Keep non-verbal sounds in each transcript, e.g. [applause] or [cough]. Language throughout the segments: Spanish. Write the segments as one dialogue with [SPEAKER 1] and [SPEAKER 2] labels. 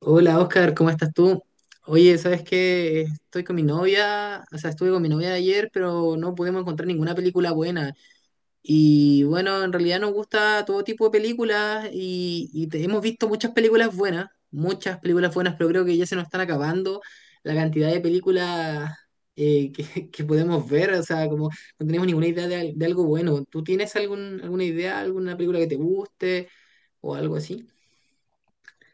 [SPEAKER 1] Hola Oscar, ¿cómo estás tú? Oye, ¿sabes qué? Estoy con mi novia, o sea, estuve con mi novia ayer, pero no pudimos encontrar ninguna película buena. Y bueno, en realidad nos gusta todo tipo de películas y hemos visto muchas películas buenas, pero creo que ya se nos están acabando la cantidad de películas [laughs] que podemos ver, o sea, como no tenemos ninguna idea de algo bueno. ¿Tú tienes alguna idea, alguna película que te guste o algo así?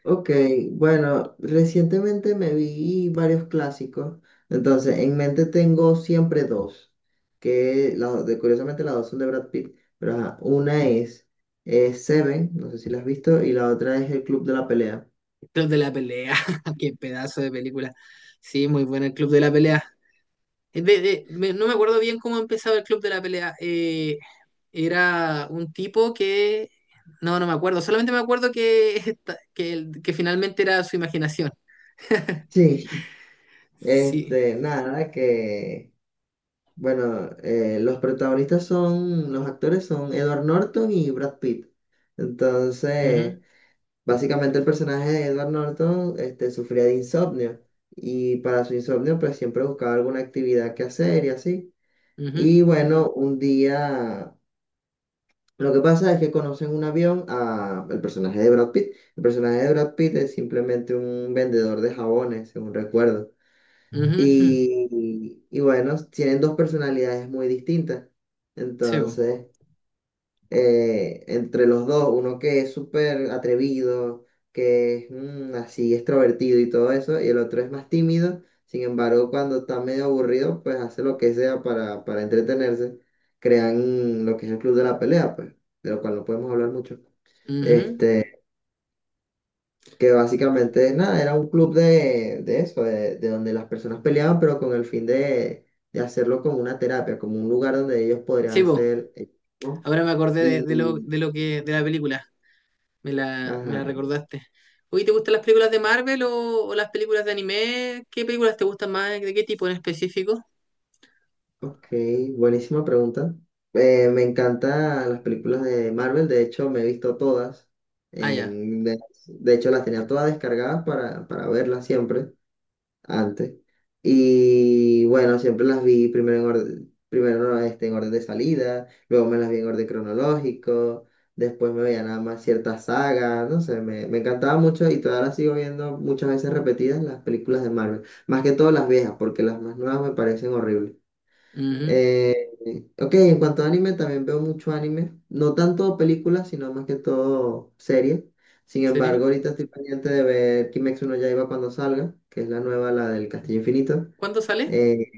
[SPEAKER 2] Ok, bueno, recientemente me vi varios clásicos, entonces en mente tengo siempre dos, que curiosamente las dos son de Brad Pitt, pero ajá, una es, Seven, no sé si la has visto, y la otra es El Club de la Pelea.
[SPEAKER 1] Club de la Pelea, [laughs] qué pedazo de película. Sí, muy buena el Club de la Pelea. No me acuerdo bien cómo empezaba el Club de la Pelea. Era un tipo que... No, me acuerdo. Solamente me acuerdo que, esta- que, el- que finalmente era su imaginación.
[SPEAKER 2] Sí,
[SPEAKER 1] Sí.
[SPEAKER 2] este, nada, que, bueno, los protagonistas son, los actores son Edward Norton y Brad Pitt, entonces...
[SPEAKER 1] Ujú,
[SPEAKER 2] Básicamente el personaje de Edward Norton sufría de insomnio y para su insomnio pues siempre buscaba alguna actividad que hacer y así.
[SPEAKER 1] ujú,
[SPEAKER 2] Y bueno, un día lo que pasa es que conocen un avión a el personaje de Brad Pitt. El personaje de Brad Pitt es simplemente un vendedor de jabones, según recuerdo.
[SPEAKER 1] ujú, ujú.
[SPEAKER 2] Y bueno, tienen dos personalidades muy distintas.
[SPEAKER 1] Sí, bo.
[SPEAKER 2] Entonces entre los dos, uno que es súper atrevido, que es así extrovertido y todo eso, y el otro es más tímido, sin embargo, cuando está medio aburrido, pues hace lo que sea para entretenerse, crean lo que es el club de la pelea, pues, de lo cual no podemos hablar mucho.
[SPEAKER 1] Ujú.
[SPEAKER 2] Este, que básicamente, nada, era un club de de donde las personas peleaban, pero con el fin de hacerlo como una terapia, como un lugar donde ellos
[SPEAKER 1] Sí,
[SPEAKER 2] podrían
[SPEAKER 1] bo.
[SPEAKER 2] ser, ellos mismos
[SPEAKER 1] Ahora me acordé
[SPEAKER 2] y,
[SPEAKER 1] de la película. Me la
[SPEAKER 2] ajá.
[SPEAKER 1] recordaste. Oye, ¿te gustan las películas de Marvel o las películas de anime? ¿Qué películas te gustan más? ¿De qué tipo en específico?
[SPEAKER 2] Ok, buenísima pregunta. Me encantan las películas de Marvel, de hecho me he visto todas.
[SPEAKER 1] Ah, ya.
[SPEAKER 2] en- de, de hecho las tenía todas descargadas para verlas siempre antes. Y bueno, siempre las vi primero en orden, primero este, en orden de salida, luego me las vi en orden cronológico, después me veía nada más ciertas sagas, no sé, me encantaba mucho y todavía las sigo viendo muchas veces repetidas las películas de Marvel. Más que todo las viejas, porque las más nuevas me parecen horribles.
[SPEAKER 1] Ujú.
[SPEAKER 2] Eh, ok, en cuanto a anime, también veo mucho anime. No tanto películas, sino más que todo series. Sin embargo,
[SPEAKER 1] ¿Sería?
[SPEAKER 2] ahorita estoy pendiente de ver Kimetsu no Yaiba cuando salga, que es la nueva, la del Castillo Infinito.
[SPEAKER 1] ¿Cuándo sale?
[SPEAKER 2] Eh,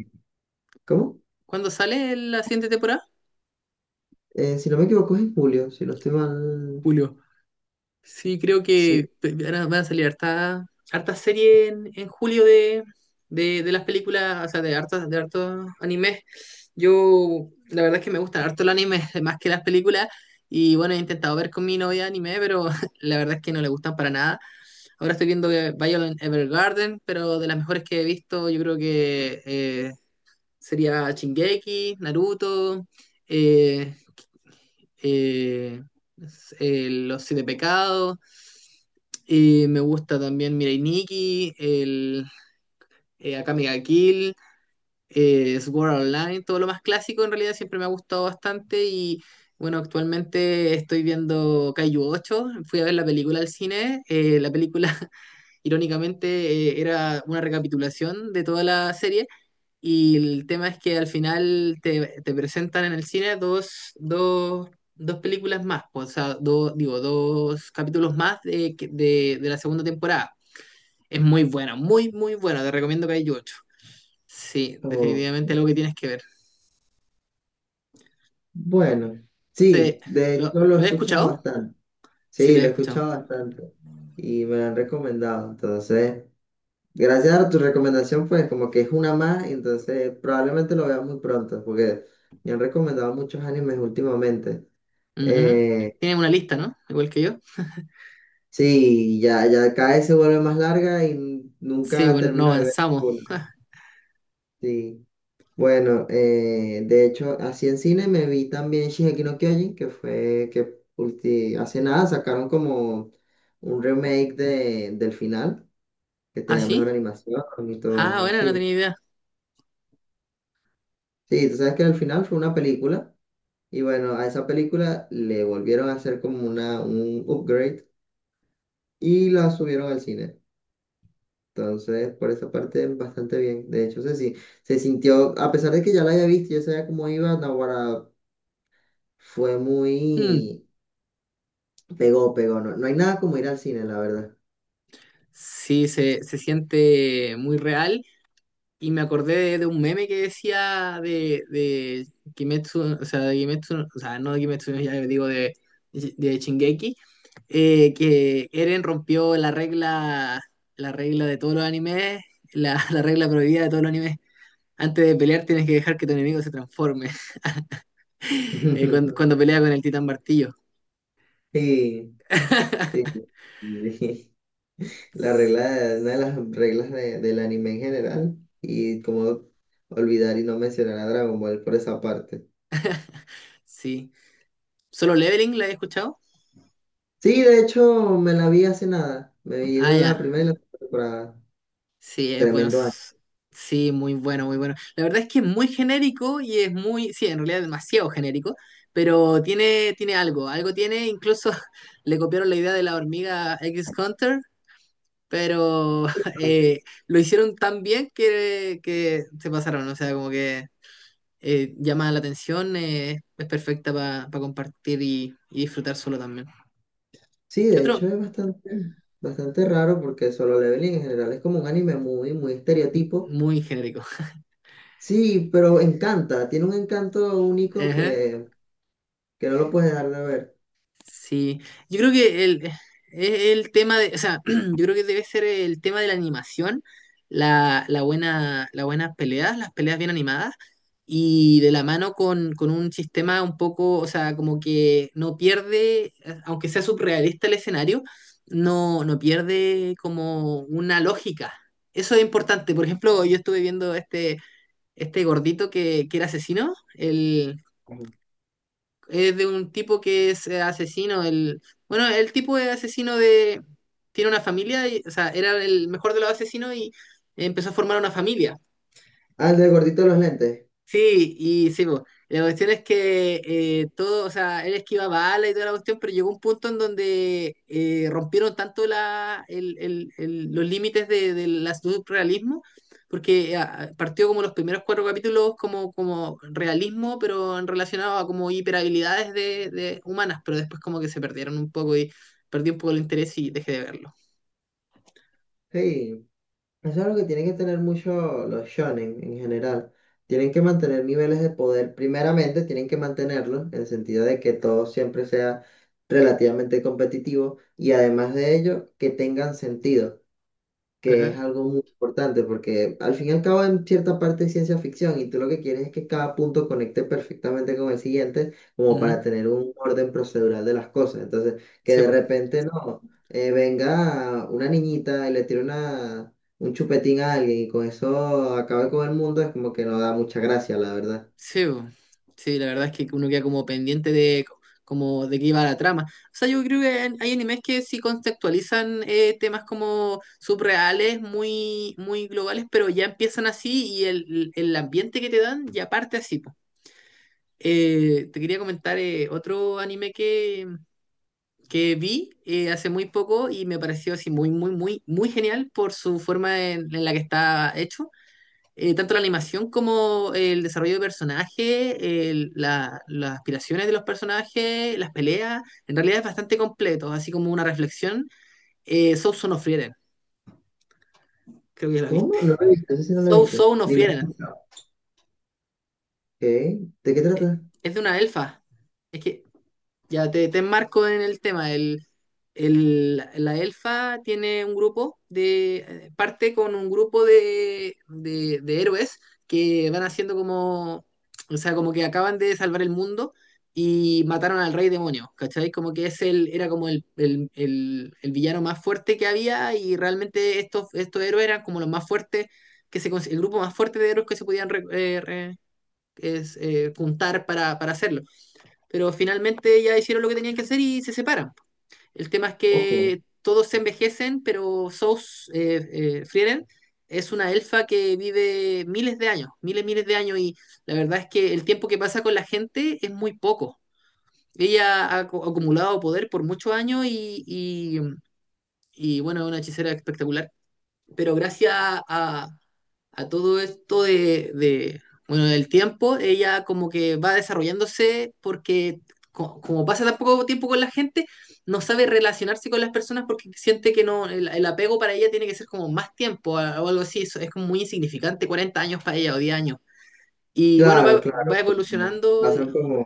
[SPEAKER 2] ¿Cómo?
[SPEAKER 1] ¿Cuándo sale la siguiente temporada?
[SPEAKER 2] Si no me equivoco es en julio, si no estoy mal.
[SPEAKER 1] Julio. Sí, creo que
[SPEAKER 2] Sí.
[SPEAKER 1] van a salir harta, harta serie en julio de las películas, o sea, de hartos animes. Yo, la verdad es que me gustan harto el anime, [laughs] más que las películas. Y bueno, he intentado ver con mi novia anime, pero [laughs] la verdad es que no le gustan para nada. Ahora estoy viendo que Violet Evergarden, pero de las mejores que he visto, yo creo que sería Shingeki, Naruto, eh, eh, Los Siete Pecados. Y me gusta también Mirai Nikki, el Akame ga Kill, Sword Art Online, todo lo más clásico en realidad siempre me ha gustado bastante y bueno, actualmente estoy viendo Kaiju 8, fui a ver la película al cine, la película irónicamente era una recapitulación de toda la serie y el tema es que al final te presentan en el cine dos películas más, o sea, dos, digo, dos capítulos más de la segunda temporada. Es muy buena, muy, muy buena, te recomiendo que hay ocho. Sí,
[SPEAKER 2] o-
[SPEAKER 1] definitivamente algo que tienes que ver.
[SPEAKER 2] Bueno,
[SPEAKER 1] Sí,
[SPEAKER 2] sí, de hecho lo he
[SPEAKER 1] lo he
[SPEAKER 2] escuchado
[SPEAKER 1] escuchado?
[SPEAKER 2] bastante.
[SPEAKER 1] Sí,
[SPEAKER 2] Sí,
[SPEAKER 1] lo he
[SPEAKER 2] lo he
[SPEAKER 1] escuchado.
[SPEAKER 2] escuchado bastante y me lo han recomendado. Entonces... Gracias a tu recomendación, pues como que es una más, entonces probablemente lo veas muy pronto, porque me han recomendado muchos animes últimamente.
[SPEAKER 1] Ujú.
[SPEAKER 2] Eh,
[SPEAKER 1] Tienen una lista, ¿no? Igual que yo.
[SPEAKER 2] sí, ya cada vez se vuelve más larga y
[SPEAKER 1] Sí,
[SPEAKER 2] nunca
[SPEAKER 1] bueno, no
[SPEAKER 2] termino de ver
[SPEAKER 1] avanzamos.
[SPEAKER 2] uno. Sí. Bueno, de hecho, así en cine me vi también Shingeki no Kyojin, que fue que hace nada sacaron como un remake del final, que
[SPEAKER 1] ¿Ah,
[SPEAKER 2] tenía mejor
[SPEAKER 1] sí?
[SPEAKER 2] animación y todo
[SPEAKER 1] Ah,
[SPEAKER 2] eso,
[SPEAKER 1] bueno, no tenía
[SPEAKER 2] sí.
[SPEAKER 1] idea.
[SPEAKER 2] Sí, tú sabes que el final fue una película. Y bueno, a esa película le volvieron a hacer como una, un upgrade y la subieron al cine. Entonces, por esa parte, bastante bien. De hecho, se, si- se sintió, a pesar de que ya la había visto, ya sabía cómo iba, Naguará fue
[SPEAKER 1] Hmm.
[SPEAKER 2] muy... Pegó, pegó. No, no hay nada como ir al cine, la verdad.
[SPEAKER 1] Sí, se siente muy real. Y me acordé de un meme que decía de Kimetsu, o sea, de Kimetsu, o sea, no de Kimetsu, ya digo de Shingeki, que Eren rompió la regla de todos los animes, [laughs] la regla prohibida de todos los animes. Antes de pelear tienes que dejar que tu enemigo se transforme, [laughs]
[SPEAKER 2] [laughs]
[SPEAKER 1] cuando pelea con el Titán Martillo.
[SPEAKER 2] Sí, sí.
[SPEAKER 1] [laughs]
[SPEAKER 2] Sí. [laughs] La regla, una de las reglas del anime en general. Y como olvidar y no mencionar a Dragon Ball por esa parte.
[SPEAKER 1] Sí. ¿Solo Leveling la he escuchado?
[SPEAKER 2] Sí, de hecho me la vi hace nada. Me vi
[SPEAKER 1] Ah,
[SPEAKER 2] la
[SPEAKER 1] ya.
[SPEAKER 2] primera y la segunda temporada.
[SPEAKER 1] Sí, es bueno.
[SPEAKER 2] Tremendo año.
[SPEAKER 1] s- Sí, muy bueno, muy bueno. La verdad es que es muy genérico y es muy, sí, en realidad es demasiado genérico, pero tiene, tiene algo, algo tiene, incluso [laughs] le copiaron la idea de la hormiga X Hunter, pero [laughs]
[SPEAKER 2] Ah, sí.
[SPEAKER 1] eh, lo hicieron tan bien que se pasaron, o sea, como que llama la atención, es perfecta para compartir y disfrutar solo también.
[SPEAKER 2] Sí,
[SPEAKER 1] ¿Qué
[SPEAKER 2] de hecho
[SPEAKER 1] otro?
[SPEAKER 2] es bastante, bastante raro porque Solo Leveling en general es como un anime muy estereotipo.
[SPEAKER 1] Muy genérico.
[SPEAKER 2] Sí, pero encanta, tiene un encanto
[SPEAKER 1] [laughs]
[SPEAKER 2] único
[SPEAKER 1] Ajá.
[SPEAKER 2] que no lo puedes dejar de ver.
[SPEAKER 1] Sí, yo creo que el, es el tema de, o sea, [clears throat] yo creo que debe ser el tema de la animación, la buena, las buenas peleas, las peleas bien animadas, y de la mano con un sistema un poco, o sea, como que no pierde, aunque sea surrealista el escenario, no pierde como una lógica. Eso es importante. Por ejemplo, yo estuve viendo este, este gordito que era asesino,
[SPEAKER 2] Ujú.
[SPEAKER 1] es de un tipo que es asesino. El, bueno, el tipo de asesino de... Tiene una familia, o sea, era el mejor de los asesinos y empezó a formar una familia.
[SPEAKER 2] Ah, el del gordito de los lentes.
[SPEAKER 1] Sí, y sí, po. La cuestión es que todo, o sea, él esquivaba balas y toda la cuestión, pero llegó un punto en donde rompieron tanto la, el- los límites del surrealismo, porque ah, partió como los primeros cuatro capítulos como, como realismo, pero en relacionado a como hiperhabilidades de humanas, pero después como que se perdieron un poco y perdí un poco el interés y dejé de verlo.
[SPEAKER 2] Hey. Eso es lo que tienen que tener mucho los shonen en general. Tienen que mantener niveles de poder. Primeramente, tienen que mantenerlo en el sentido de que todo siempre sea relativamente competitivo y además de ello, que tengan sentido, que es
[SPEAKER 1] Ajá.
[SPEAKER 2] algo muy importante porque al fin y al cabo en cierta parte es ciencia ficción y tú lo que quieres es que cada punto conecte perfectamente con el siguiente como
[SPEAKER 1] Ujú.
[SPEAKER 2] para tener un orden procedural de las cosas. Entonces, que
[SPEAKER 1] Sí,
[SPEAKER 2] de
[SPEAKER 1] po.
[SPEAKER 2] repente no, venga una niñita y le tire una, un chupetín a alguien y con eso acabe con el mundo es como que no da mucha gracia, la verdad.
[SPEAKER 1] Sí, bo. Sí, la verdad es que uno queda como pendiente de como de qué iba la trama. O sea, yo creo que hay hay animes que sí contextualizan temas como subreales, muy, muy globales, pero ya empiezan así y el ambiente que te dan ya parte así. Po. Te quería comentar otro anime que vi hace muy poco y me pareció así muy, muy, muy, muy genial por su forma en la que está hecho tanto la animación como el desarrollo de personaje, las aspiraciones de los personajes, las peleas, en realidad es bastante completo, así como una reflexión. So So no Frieren, creo que ya la viste.
[SPEAKER 2] ¿Cómo? No lo he visto, eso sí no lo he
[SPEAKER 1] So
[SPEAKER 2] visto.
[SPEAKER 1] So no
[SPEAKER 2] Ni lo he
[SPEAKER 1] Frieren,
[SPEAKER 2] escuchado. Ok, ¿de qué
[SPEAKER 1] eh,
[SPEAKER 2] trata?
[SPEAKER 1] es de una elfa. Es que ya te enmarco en el tema. El, la elfa tiene un grupo de, parte con un grupo de héroes que van haciendo como, o sea, como que acaban de salvar el mundo y mataron al rey demonio, ¿cachai? Como que es el, era como el villano más fuerte que había y realmente estos, estos héroes eran como los más fuertes, el grupo más fuerte de héroes que se podían juntar para hacerlo, pero finalmente ya hicieron lo que tenían que hacer y se separan. El tema es
[SPEAKER 2] Ok.
[SPEAKER 1] que todos se envejecen, pero Sous Frieren es una elfa que vive miles de años, miles, miles de años, y la verdad es que el tiempo que pasa con la gente es muy poco. Ella ha acumulado poder por muchos años bueno, es una hechicera espectacular, pero gracias a todo esto de, bueno, del tiempo, ella como que va desarrollándose porque como pasa tan poco tiempo con la gente, no sabe relacionarse con las personas porque siente que no, el apego para ella tiene que ser como más tiempo o algo así, eso es como muy insignificante, 40 años para ella o 10 años. Y bueno, va,
[SPEAKER 2] Claro,
[SPEAKER 1] va
[SPEAKER 2] claro, porque
[SPEAKER 1] evolucionando
[SPEAKER 2] pasan
[SPEAKER 1] y,
[SPEAKER 2] como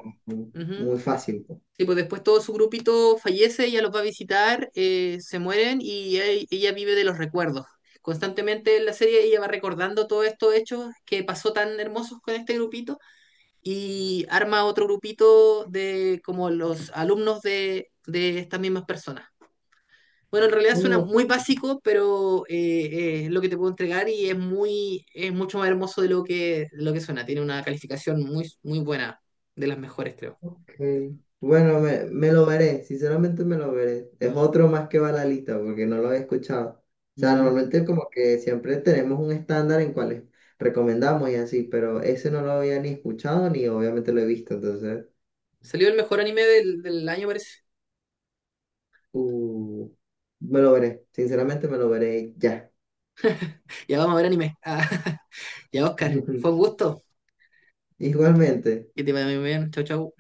[SPEAKER 1] ujú.
[SPEAKER 2] muy fácil, pues.
[SPEAKER 1] Sí, pues después todo su grupito fallece, ella los va a visitar, se mueren ella vive de los recuerdos. Constantemente en la serie ella va recordando todos estos hechos que pasó tan hermosos con este grupito y arma otro grupito de como los alumnos de estas mismas personas. Bueno, en realidad suena
[SPEAKER 2] Ok.
[SPEAKER 1] muy básico, pero es lo que te puedo entregar y es muy, es mucho más hermoso de lo que suena. Tiene una calificación muy, muy buena, de las mejores, creo.
[SPEAKER 2] Ok. Bueno, me lo veré, sinceramente me lo veré. Es otro más que va a la lista porque no lo he escuchado. O sea,
[SPEAKER 1] Ujú.
[SPEAKER 2] normalmente como que siempre tenemos un estándar en cuáles recomendamos y así, pero ese no lo había ni escuchado ni obviamente lo he visto, entonces
[SPEAKER 1] Salió el mejor anime del, del año, parece.
[SPEAKER 2] uh, me lo veré, sinceramente me lo veré ya.
[SPEAKER 1] Ya vamos a ver anime. Ah, [laughs] ya, Oscar. Fue un
[SPEAKER 2] [laughs]
[SPEAKER 1] gusto.
[SPEAKER 2] Igualmente.
[SPEAKER 1] Que te vaya muy bien. Chau, chau.